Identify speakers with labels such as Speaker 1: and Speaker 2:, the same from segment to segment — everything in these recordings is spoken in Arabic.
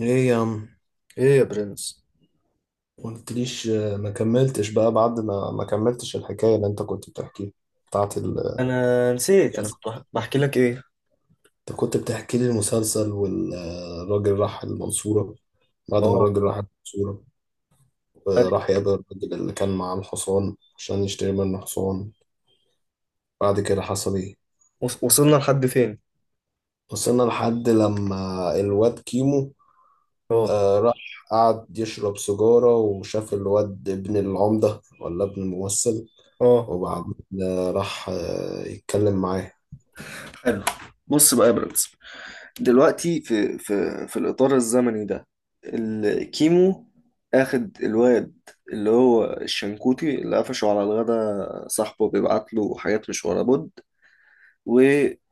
Speaker 1: ايه يا عم.
Speaker 2: ايه يا برنس.
Speaker 1: قلتليش ما كملتش بقى بعد ما كملتش الحكاية اللي انت كنت بتحكيها بتاعت ال
Speaker 2: انا نسيت، انا كنت بحكي لك ايه.
Speaker 1: انت كنت بتحكي لي المسلسل والراجل راح المنصورة. بعد ما
Speaker 2: اه.
Speaker 1: الراجل راح المنصورة، راح يقابل الراجل اللي كان معاه الحصان عشان يشتري منه حصان. بعد كده حصل ايه؟
Speaker 2: وصلنا لحد فين؟
Speaker 1: وصلنا لحد لما الواد كيمو
Speaker 2: اه،
Speaker 1: راح، قعد يشرب سيجارة وشاف الواد ابن العمدة ولا ابن الممثل.
Speaker 2: اه،
Speaker 1: وبعدين راح يتكلم معاه.
Speaker 2: حلو. بص بقى يا برنس، دلوقتي في الاطار الزمني ده الكيمو اخد الواد، اللي هو الشنكوتي اللي قفشه على الغدا، صاحبه بيبعت له حاجات مش ورا بد. و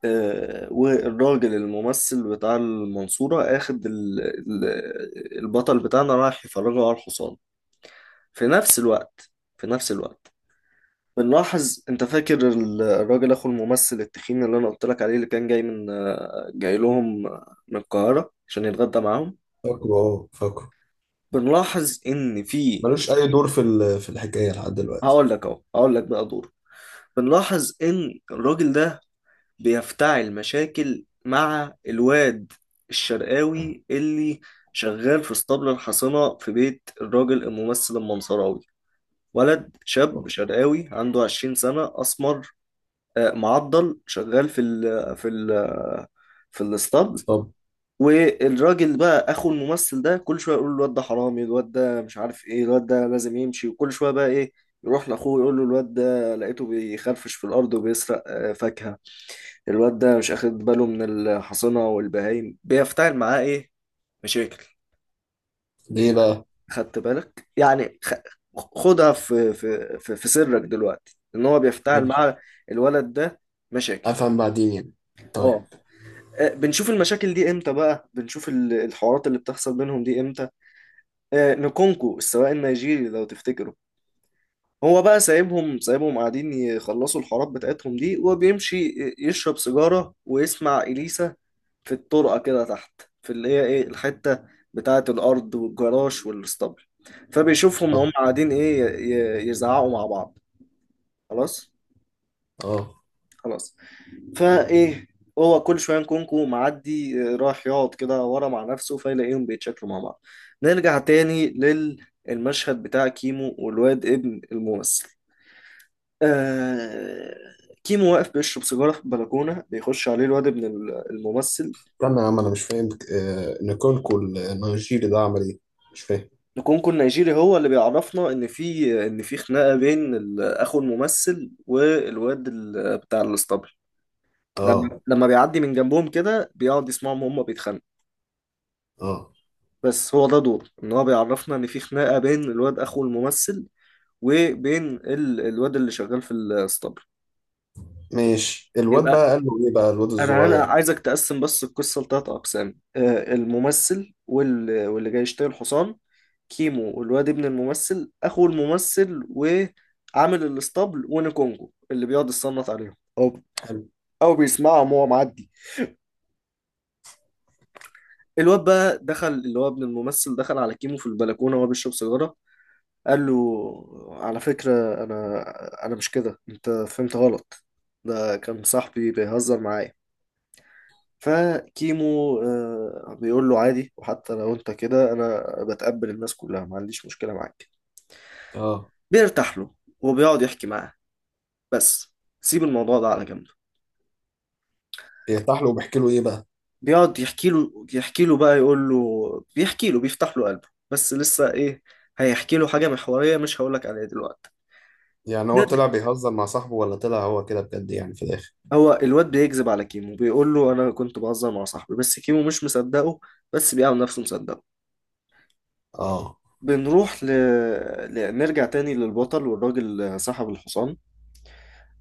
Speaker 2: والراجل الممثل بتاع المنصورة اخد البطل بتاعنا رايح يفرجه على الحصان، في نفس الوقت، في نفس الوقت. بنلاحظ، انت فاكر الراجل اخو الممثل التخين اللي انا قلت لك عليه، اللي كان جاي من جاي لهم من القاهرة عشان يتغدى معاهم؟
Speaker 1: فاكره، فاكره.
Speaker 2: بنلاحظ ان في،
Speaker 1: ملوش أي دور في الحكاية لحد دلوقتي.
Speaker 2: هقول لك اهو، هقول لك بقى دور. بنلاحظ ان الراجل ده بيفتعل مشاكل مع الواد الشرقاوي اللي شغال في اسطبل الحصانة في بيت الراجل الممثل المنصراوي. ولد شاب شرقاوي عنده 20 سنة، أسمر، معضل، شغال في الاسطبل.
Speaker 1: طب
Speaker 2: والراجل بقى اخو الممثل ده كل شويه يقول له الواد ده حرامي، الواد ده مش عارف ايه، الواد ده لازم يمشي. وكل شويه بقى ايه، يروح لاخوه يقول له: الواد ده لقيته بيخرفش في الارض وبيسرق فاكهه، الواد ده مش اخد باله من الحصنه والبهايم، بيفتعل معاه ايه؟ مشاكل.
Speaker 1: ليه بقى؟
Speaker 2: خدت بالك يعني، خدها في سرك دلوقتي ان هو بيفتعل
Speaker 1: ماشي.
Speaker 2: مع الولد ده مشاكل.
Speaker 1: أفهم بعدين يعني. طيب.
Speaker 2: اه. بنشوف المشاكل دي امتى بقى، بنشوف الحوارات اللي بتحصل بينهم دي امتى. نكونكو السواق النيجيري لو تفتكروا، هو بقى سايبهم سايبهم قاعدين يخلصوا الحوارات بتاعتهم دي، وبيمشي يشرب سيجارة ويسمع إليسا في الطرقة كده تحت، في اللي هي ايه، الحتة بتاعة الأرض والجراج والاسطبل. فبيشوفهم وهم
Speaker 1: اه،
Speaker 2: قاعدين ايه، يزعقوا مع بعض، خلاص،
Speaker 1: اه.
Speaker 2: خلاص. فايه، هو كل شويه نكونكو معدي راح يقعد كده ورا مع نفسه، فيلاقيهم بيتشكلوا مع بعض. نرجع تاني للمشهد بتاع كيمو والواد ابن الممثل. آه كيمو واقف بيشرب سيجاره في البلكونه، بيخش عليه الواد ابن الممثل.
Speaker 1: استنى يا عم، أنا مش فاهم. نيكولكو النيجيري ده عمل إيه؟ مش فاهم.
Speaker 2: نكونكو النيجيري هو اللي بيعرفنا ان في، ان في خناقه بين اخو الممثل والواد بتاع الاسطبل.
Speaker 1: اه،
Speaker 2: لما بيعدي من جنبهم كده، بيقعد يسمعهم هما بيتخانقوا.
Speaker 1: اه.
Speaker 2: بس هو ده دور، ان هو بيعرفنا ان في خناقه بين الواد اخو الممثل وبين الواد اللي شغال في الاسطبل.
Speaker 1: ماشي، الواد بقى
Speaker 2: يبقى
Speaker 1: قال له إيه بقى الواد
Speaker 2: انا
Speaker 1: الصغير؟
Speaker 2: عايزك تقسم بس القصه لثلاث اقسام: الممثل وال... واللي جاي يشتري الحصان، كيمو والواد ابن الممثل، اخو الممثل وعامل الاسطبل، ونكونجو اللي بيقعد يصنت عليهم، او
Speaker 1: حلو.
Speaker 2: بيسمعهم وهو معدي. الواد بقى دخل، اللي هو ابن الممثل، دخل على كيمو في البلكونه وهو بيشرب سيجاره، قال له: على فكرة، أنا أنا مش كده، أنت فهمت غلط، ده كان صاحبي بيهزر معايا. فكيمو بيقول له: عادي، وحتى لو أنت كده أنا بتقبل الناس كلها، ما عنديش مشكلة معاك.
Speaker 1: اه.
Speaker 2: بيرتاح له وبيقعد يحكي معاه، بس سيب الموضوع ده على جنب.
Speaker 1: يرتاح له وبيحكي له إيه بقى؟
Speaker 2: بيقعد يحكي له، يحكي له بقى يقول له، بيحكي له، بيفتح له قلبه، بس لسه إيه؟ هيحكي له حاجة محورية مش هقولك عليها دلوقتي.
Speaker 1: يعني هو طلع بيهزر مع صاحبه ولا طلع هو كده بجد يعني في الآخر؟
Speaker 2: هو الواد بيكذب على كيمو، بيقول له انا كنت بهزر مع صاحبي، بس كيمو مش مصدقه، بس بيعمل نفسه مصدقه.
Speaker 1: اه.
Speaker 2: بنروح نرجع تاني للبطل والراجل صاحب الحصان.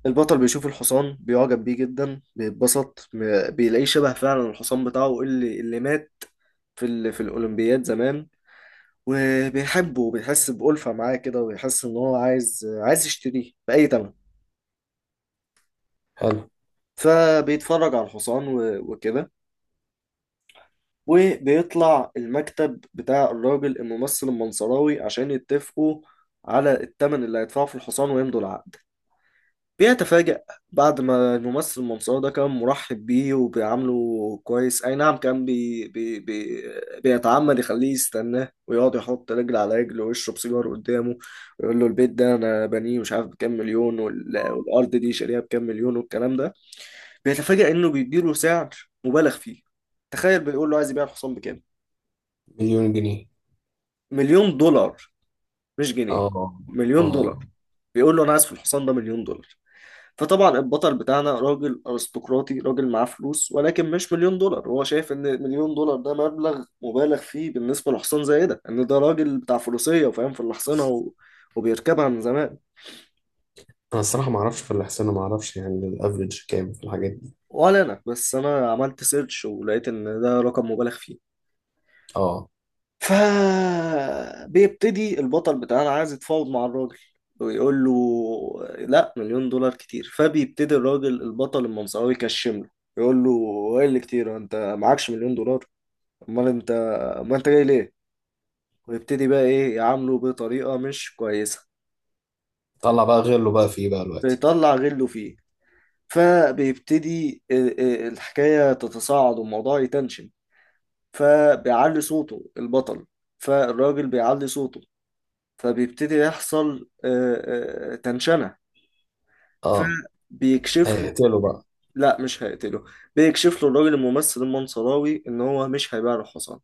Speaker 2: البطل بيشوف الحصان، بيعجب بيه جدا، بيتبسط، بيلاقيه شبه فعلا الحصان بتاعه اللي مات في في الأولمبياد زمان، وبيحبه وبيحس بألفة معاه كده، وبيحس إن هو عايز يشتريه بأي تمن.
Speaker 1: حلو.
Speaker 2: فبيتفرج على الحصان وكده، وبيطلع المكتب بتاع الراجل الممثل المنصراوي عشان يتفقوا على الثمن اللي هيدفعه في الحصان ويمضوا العقد. بيتفاجأ، بعد ما الممثل المنصراوي ده كان مرحب بيه وبيعامله كويس، أي نعم، كان بي بي بي بيتعمد يخليه يستناه، ويقعد يحط رجل على رجل، ويشرب سيجار قدامه، ويقول له: البيت ده أنا بنيه مش عارف بكام مليون، والأرض دي شاريها بكام مليون، والكلام ده. بيتفاجأ إنه بيديله سعر مبالغ فيه. تخيل، بيقول له عايز يبيع الحصان بكام؟
Speaker 1: مليون جنيه.
Speaker 2: مليون دولار، مش جنيه،
Speaker 1: اه،
Speaker 2: مليون دولار.
Speaker 1: اه.
Speaker 2: بيقول له انا عايز في الحصان ده مليون دولار. فطبعا البطل بتاعنا راجل ارستقراطي، راجل معاه فلوس ولكن مش مليون دولار. هو شايف ان مليون دولار ده مبلغ مبالغ فيه بالنسبه لحصان زي ده، ان ده راجل بتاع فروسيه وفاهم في الحصانه وبيركبها من زمان.
Speaker 1: انا الصراحه ما اعرفش، في الاحسن ما اعرفش يعني الافريج كام في الحاجات دي.
Speaker 2: ولا انا بس، انا عملت سيرش ولقيت ان ده رقم مبالغ فيه.
Speaker 1: اه.
Speaker 2: فبيبتدي البطل بتاعنا عايز يتفاوض مع الراجل، ويقول له: لا، مليون دولار كتير. فبيبتدي الراجل البطل المنصاوي يكشم له، يقول له: ايه اللي كتير؟ انت معكش مليون دولار؟ امال انت، ما انت جاي ليه؟ ويبتدي بقى ايه، يعامله بطريقة مش كويسة،
Speaker 1: طلع بقى غيره بقى فيه بقى دلوقتي.
Speaker 2: فيطلع غله فيه. فبيبتدي الحكاية تتصاعد والموضوع يتنشن، فبيعلي صوته البطل، فالراجل بيعلي صوته، فبيبتدي يحصل تنشنة.
Speaker 1: اه.
Speaker 2: فبيكشف له.
Speaker 1: هيقتله بقى؟
Speaker 2: لا، مش هيقتله. بيكشف له الراجل الممثل المنصراوي ان هو مش هيبيع له حصان.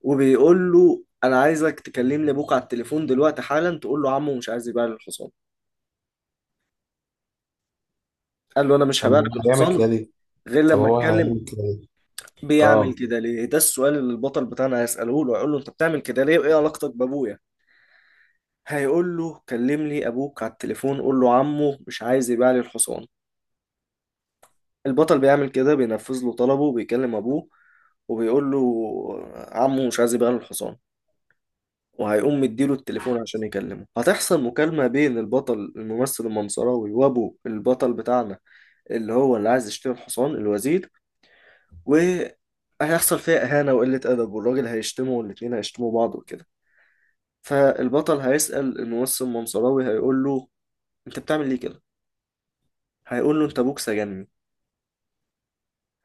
Speaker 2: وبيقول له: انا عايزك تكلمني ابوك على التليفون دلوقتي حالا، تقول له عمو مش عايز يبيع لي الحصان. قال له: انا مش
Speaker 1: طب
Speaker 2: هبيع
Speaker 1: ما هو
Speaker 2: لك
Speaker 1: هيعمل
Speaker 2: الحصان
Speaker 1: كده ليه؟
Speaker 2: غير
Speaker 1: طب
Speaker 2: لما
Speaker 1: هو
Speaker 2: اتكلم.
Speaker 1: هيعمل كده ليه؟
Speaker 2: بيعمل
Speaker 1: اه.
Speaker 2: كده ليه؟ ده السؤال اللي البطل بتاعنا هيسأله له. هيقول له: انت بتعمل كده ليه؟ وايه علاقتك بابويا؟ هيقول له: كلم لي ابوك على التليفون، قول له عمو مش عايز يبيع لي الحصان. البطل بيعمل كده، بينفذ له طلبه وبيكلم أبوه، وبيقول له عمه مش عايز يبيع له الحصان. وهيقوم مديله التليفون عشان يكلمه، هتحصل مكالمة بين البطل الممثل المنصراوي وأبو البطل بتاعنا، اللي هو اللي عايز يشتري الحصان، الوزير. وهيحصل فيها إهانة وقلة أدب، والراجل هيشتمه والاتنين هيشتموا بعض وكده. فالبطل هيسأل الممثل المنصراوي، هيقول له: أنت بتعمل ليه كده؟ هيقول له: أنت أبوك سجنني،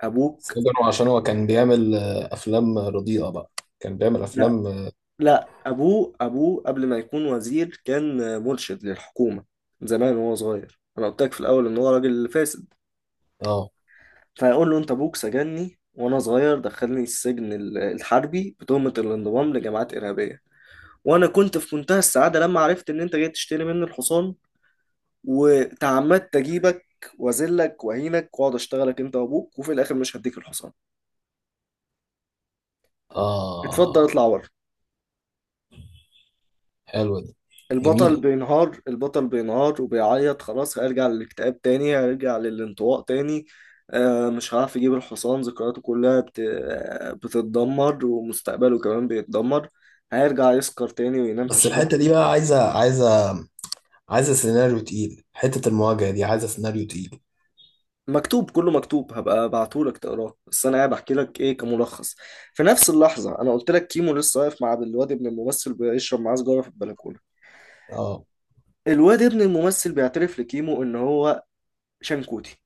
Speaker 2: أبوك.
Speaker 1: سجنه عشان هو كان بيعمل افلام رديئه بقى؟ كان بيعمل
Speaker 2: لا،
Speaker 1: افلام. اه.
Speaker 2: لا، ابوه، ابوه قبل ما يكون وزير كان مرشد للحكومه زمان وهو صغير، انا قلت لك في الاول ان هو راجل فاسد.
Speaker 1: اه.
Speaker 2: فيقول له: انت ابوك سجني وانا صغير، دخلني السجن الحربي بتهمه الانضمام لجماعات ارهابيه، وانا كنت في منتهى السعاده لما عرفت ان انت جاي تشتري مني الحصان، وتعمدت اجيبك واذلك واهينك واقعد اشتغلك انت وابوك، وفي الاخر مش هديك الحصان، اتفضل
Speaker 1: آه.
Speaker 2: اطلع بره.
Speaker 1: حلوه دي.
Speaker 2: البطل
Speaker 1: جميله.
Speaker 2: بينهار، البطل بينهار وبيعيط، خلاص، هيرجع للاكتئاب تاني، هيرجع للانطواء تاني. مش هعرف يجيب الحصان، ذكرياته كلها بت... آه، بتتدمر، ومستقبله كمان بيتدمر، هيرجع يسكر تاني وينام في
Speaker 1: بس
Speaker 2: الشارع.
Speaker 1: الحته دي بقى عايزه، عايزه، عايزه سيناريو تقيل. حته المواجهه دي عايزه سيناريو تقيل.
Speaker 2: مكتوب، كله مكتوب، هبقى ابعتهولك تقراه، بس انا قاعد احكي لك ايه كملخص. في نفس اللحظه انا قلت لك كيمو لسه واقف مع الواد ابن الممثل بيشرب معاه سجاره في البلكونه.
Speaker 1: اه.
Speaker 2: الواد ابن الممثل بيعترف لكيمو ان هو شنكوتي.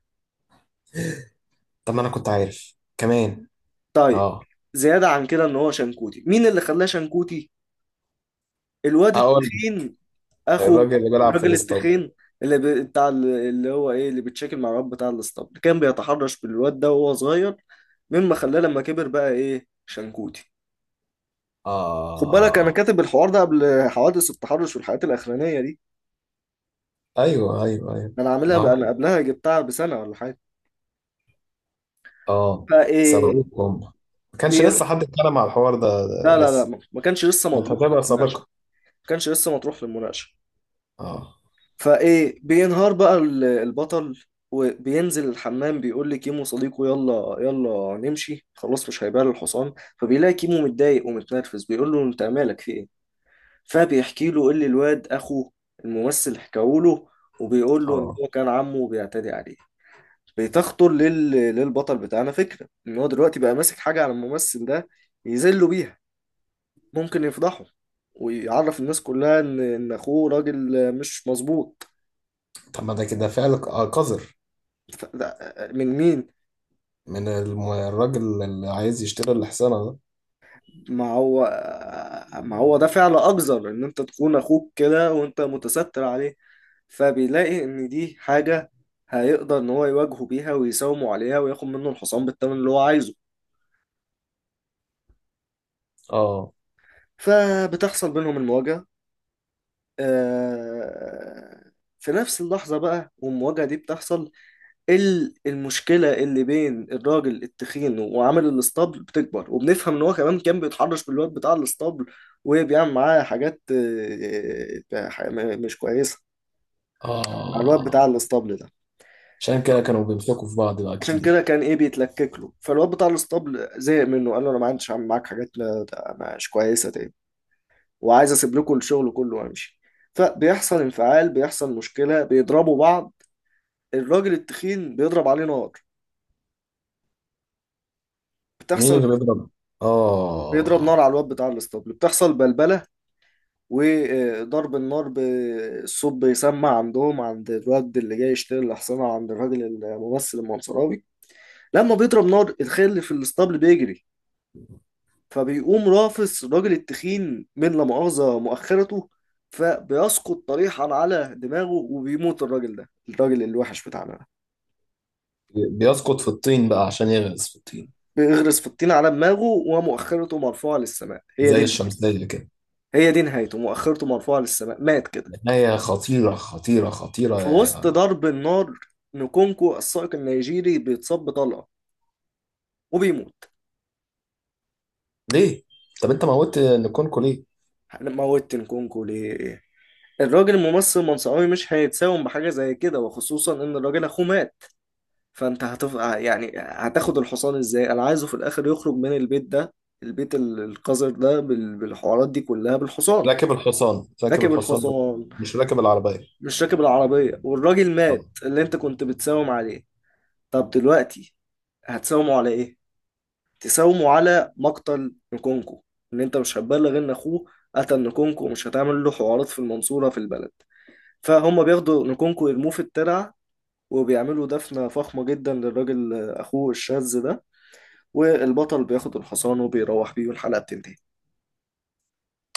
Speaker 1: طب ما انا كنت عارف كمان.
Speaker 2: طيب.
Speaker 1: اه.
Speaker 2: زيادة عن كده، ان هو شنكوتي، مين اللي خلاه شنكوتي؟ الواد
Speaker 1: هقول.
Speaker 2: التخين اخو
Speaker 1: الراجل اللي بيلعب في
Speaker 2: الراجل
Speaker 1: الاسطنبول.
Speaker 2: التخين، اللي ب... بتاع اللي هو ايه، اللي بيتشكل مع الواد بتاع الاسطبل، كان بيتحرش بالواد ده وهو صغير، مما خلاه لما كبر بقى ايه، شنكوتي. خد بالك انا
Speaker 1: اه،
Speaker 2: كاتب الحوار ده قبل حوادث التحرش والحاجات الاخرانية دي،
Speaker 1: ايوه، ايوه، ايوه.
Speaker 2: ده انا عاملها
Speaker 1: ما
Speaker 2: بقى، انا
Speaker 1: هو.
Speaker 2: قبلها جبتها بسنة ولا حاجة.
Speaker 1: اه.
Speaker 2: فايه،
Speaker 1: سبقوكم هم. ما كانش لسه
Speaker 2: لا،
Speaker 1: حد اتكلم على الحوار ده،
Speaker 2: لا،
Speaker 1: ده
Speaker 2: لا،
Speaker 1: لسه.
Speaker 2: ما كانش لسه
Speaker 1: انت
Speaker 2: مطروح في
Speaker 1: هتبقى
Speaker 2: المناقشة،
Speaker 1: سابقة.
Speaker 2: ما كانش لسه مطروح في المناقشة.
Speaker 1: اه،
Speaker 2: فايه، بينهار بقى البطل وبينزل الحمام، بيقول لكيمو صديقه: يلا يلا، نمشي خلاص، مش هيبيع الحصان. فبيلاقي كيمو متضايق ومتنرفز، بيقول له: انت مالك في ايه؟ فبيحكي له اللي الواد اخو الممثل حكاه له، وبيقول له ان
Speaker 1: اه.
Speaker 2: هو كان عمه بيعتدي عليه. بتخطر للبطل بتاعنا فكرة ان هو دلوقتي بقى ماسك حاجة على الممثل ده يذله بيها، ممكن يفضحه ويعرف الناس كلها ان اخوه راجل مش مظبوط.
Speaker 1: طب ما ده كده فعل قذر.
Speaker 2: ف- ده- من مين؟
Speaker 1: من الراجل اللي عايز يشتري الحصانة ده.
Speaker 2: ما هو ما هو ده فعل أقذر، إن أنت تخون أخوك كده وأنت متستر عليه. فبيلاقي إن دي حاجة هيقدر إن هو يواجهه بيها ويساومه عليها، وياخد منه الحصان بالثمن اللي هو عايزه.
Speaker 1: اه،
Speaker 2: فبتحصل بينهم المواجهة. آه، في نفس اللحظة بقى والمواجهة دي بتحصل، المشكلة اللي بين الراجل التخين وعامل الاسطبل بتكبر، وبنفهم ان هو كمان كان بيتحرش بالواد بتاع الاسطبل، وبيعمل معاه حاجات مش كويسة مع الواد بتاع
Speaker 1: اه.
Speaker 2: الاسطبل ده.
Speaker 1: عشان كده كانوا بيمسكوا في بعض بقى
Speaker 2: عشان كده
Speaker 1: كتير.
Speaker 2: كان ايه، بيتلكك له، فالواد بتاع الاسطبل زهق منه، قال له: انا ما عنديش اعمل معاك حاجات مش كويسة تاني، وعايز اسيب لكم الشغل كله وامشي. فبيحصل انفعال، بيحصل مشكلة، بيضربوا بعض، الراجل التخين بيضرب عليه نار،
Speaker 1: مين
Speaker 2: بتحصل،
Speaker 1: اللي بيضرب؟
Speaker 2: بيضرب نار
Speaker 1: اه.
Speaker 2: على الواد بتاع الاسطبل، بتحصل بلبلة. وضرب النار بالصوت بيسمع عندهم، عند الواد اللي جاي يشتري الأحصنة، عند الراجل الممثل المنصراوي. لما بيضرب نار، الخيل اللي في الاسطبل بيجري، فبيقوم رافس الراجل التخين من لا مؤاخذة مؤخرته، فبيسقط طريحا على دماغه، وبيموت الراجل ده، الراجل الوحش بتاعنا ده.
Speaker 1: بيسقط في الطين بقى عشان يغرس في الطين.
Speaker 2: بيغرس في الطين على دماغه، ومؤخرته مرفوعة للسماء. هي
Speaker 1: زي
Speaker 2: دي،
Speaker 1: الشمسية كده.
Speaker 2: هي دي نهايته، مؤخرته مرفوعة للسماء، مات كده.
Speaker 1: نهاية خطيرة، خطيرة، خطيرة.
Speaker 2: في وسط ضرب النار، نكونكو السائق النيجيري بيتصاب بطلقة وبيموت.
Speaker 1: ليه؟ طب انت موتت نكونكو ليه؟
Speaker 2: انا موتت نكونكو ليه؟ الراجل الممثل المنصوري مش هيتساوم بحاجة زي كده، وخصوصا ان الراجل اخوه مات، فانت يعني هتاخد الحصان ازاي؟ انا عايزه في الاخر يخرج من البيت ده، البيت القذر ده، بالحوارات دي كلها، بالحصان.
Speaker 1: راكب الحصان، راكب
Speaker 2: راكب
Speaker 1: الحصان.
Speaker 2: الحصان،
Speaker 1: مش راكب العربية.
Speaker 2: مش راكب العربية، والراجل مات
Speaker 1: اه.
Speaker 2: اللي انت كنت بتساوم عليه. طب دلوقتي هتساومه على ايه؟ تساوموا على مقتل نكونكو، ان انت مش هتبلغ ان اخوه قتل نكونكو، ومش هتعمل له حوارات في المنصورة في البلد. فهم بياخدوا نكونكو يرموه في الترعة، وبيعملوا دفنة فخمة جدا للراجل أخوه الشاذ ده، والبطل بياخد الحصان وبيروح بيه، والحلقة بتنتهي.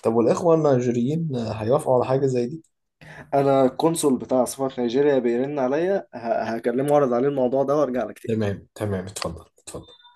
Speaker 1: طب والإخوة النيجيريين هيوافقوا على حاجة زي دي؟
Speaker 2: أنا القنصل بتاع سفارة نيجيريا بيرن عليا، هكلمه وأعرض عليه الموضوع ده وأرجع لك تاني.
Speaker 1: تمام، تمام. اتفضل، اتفضل.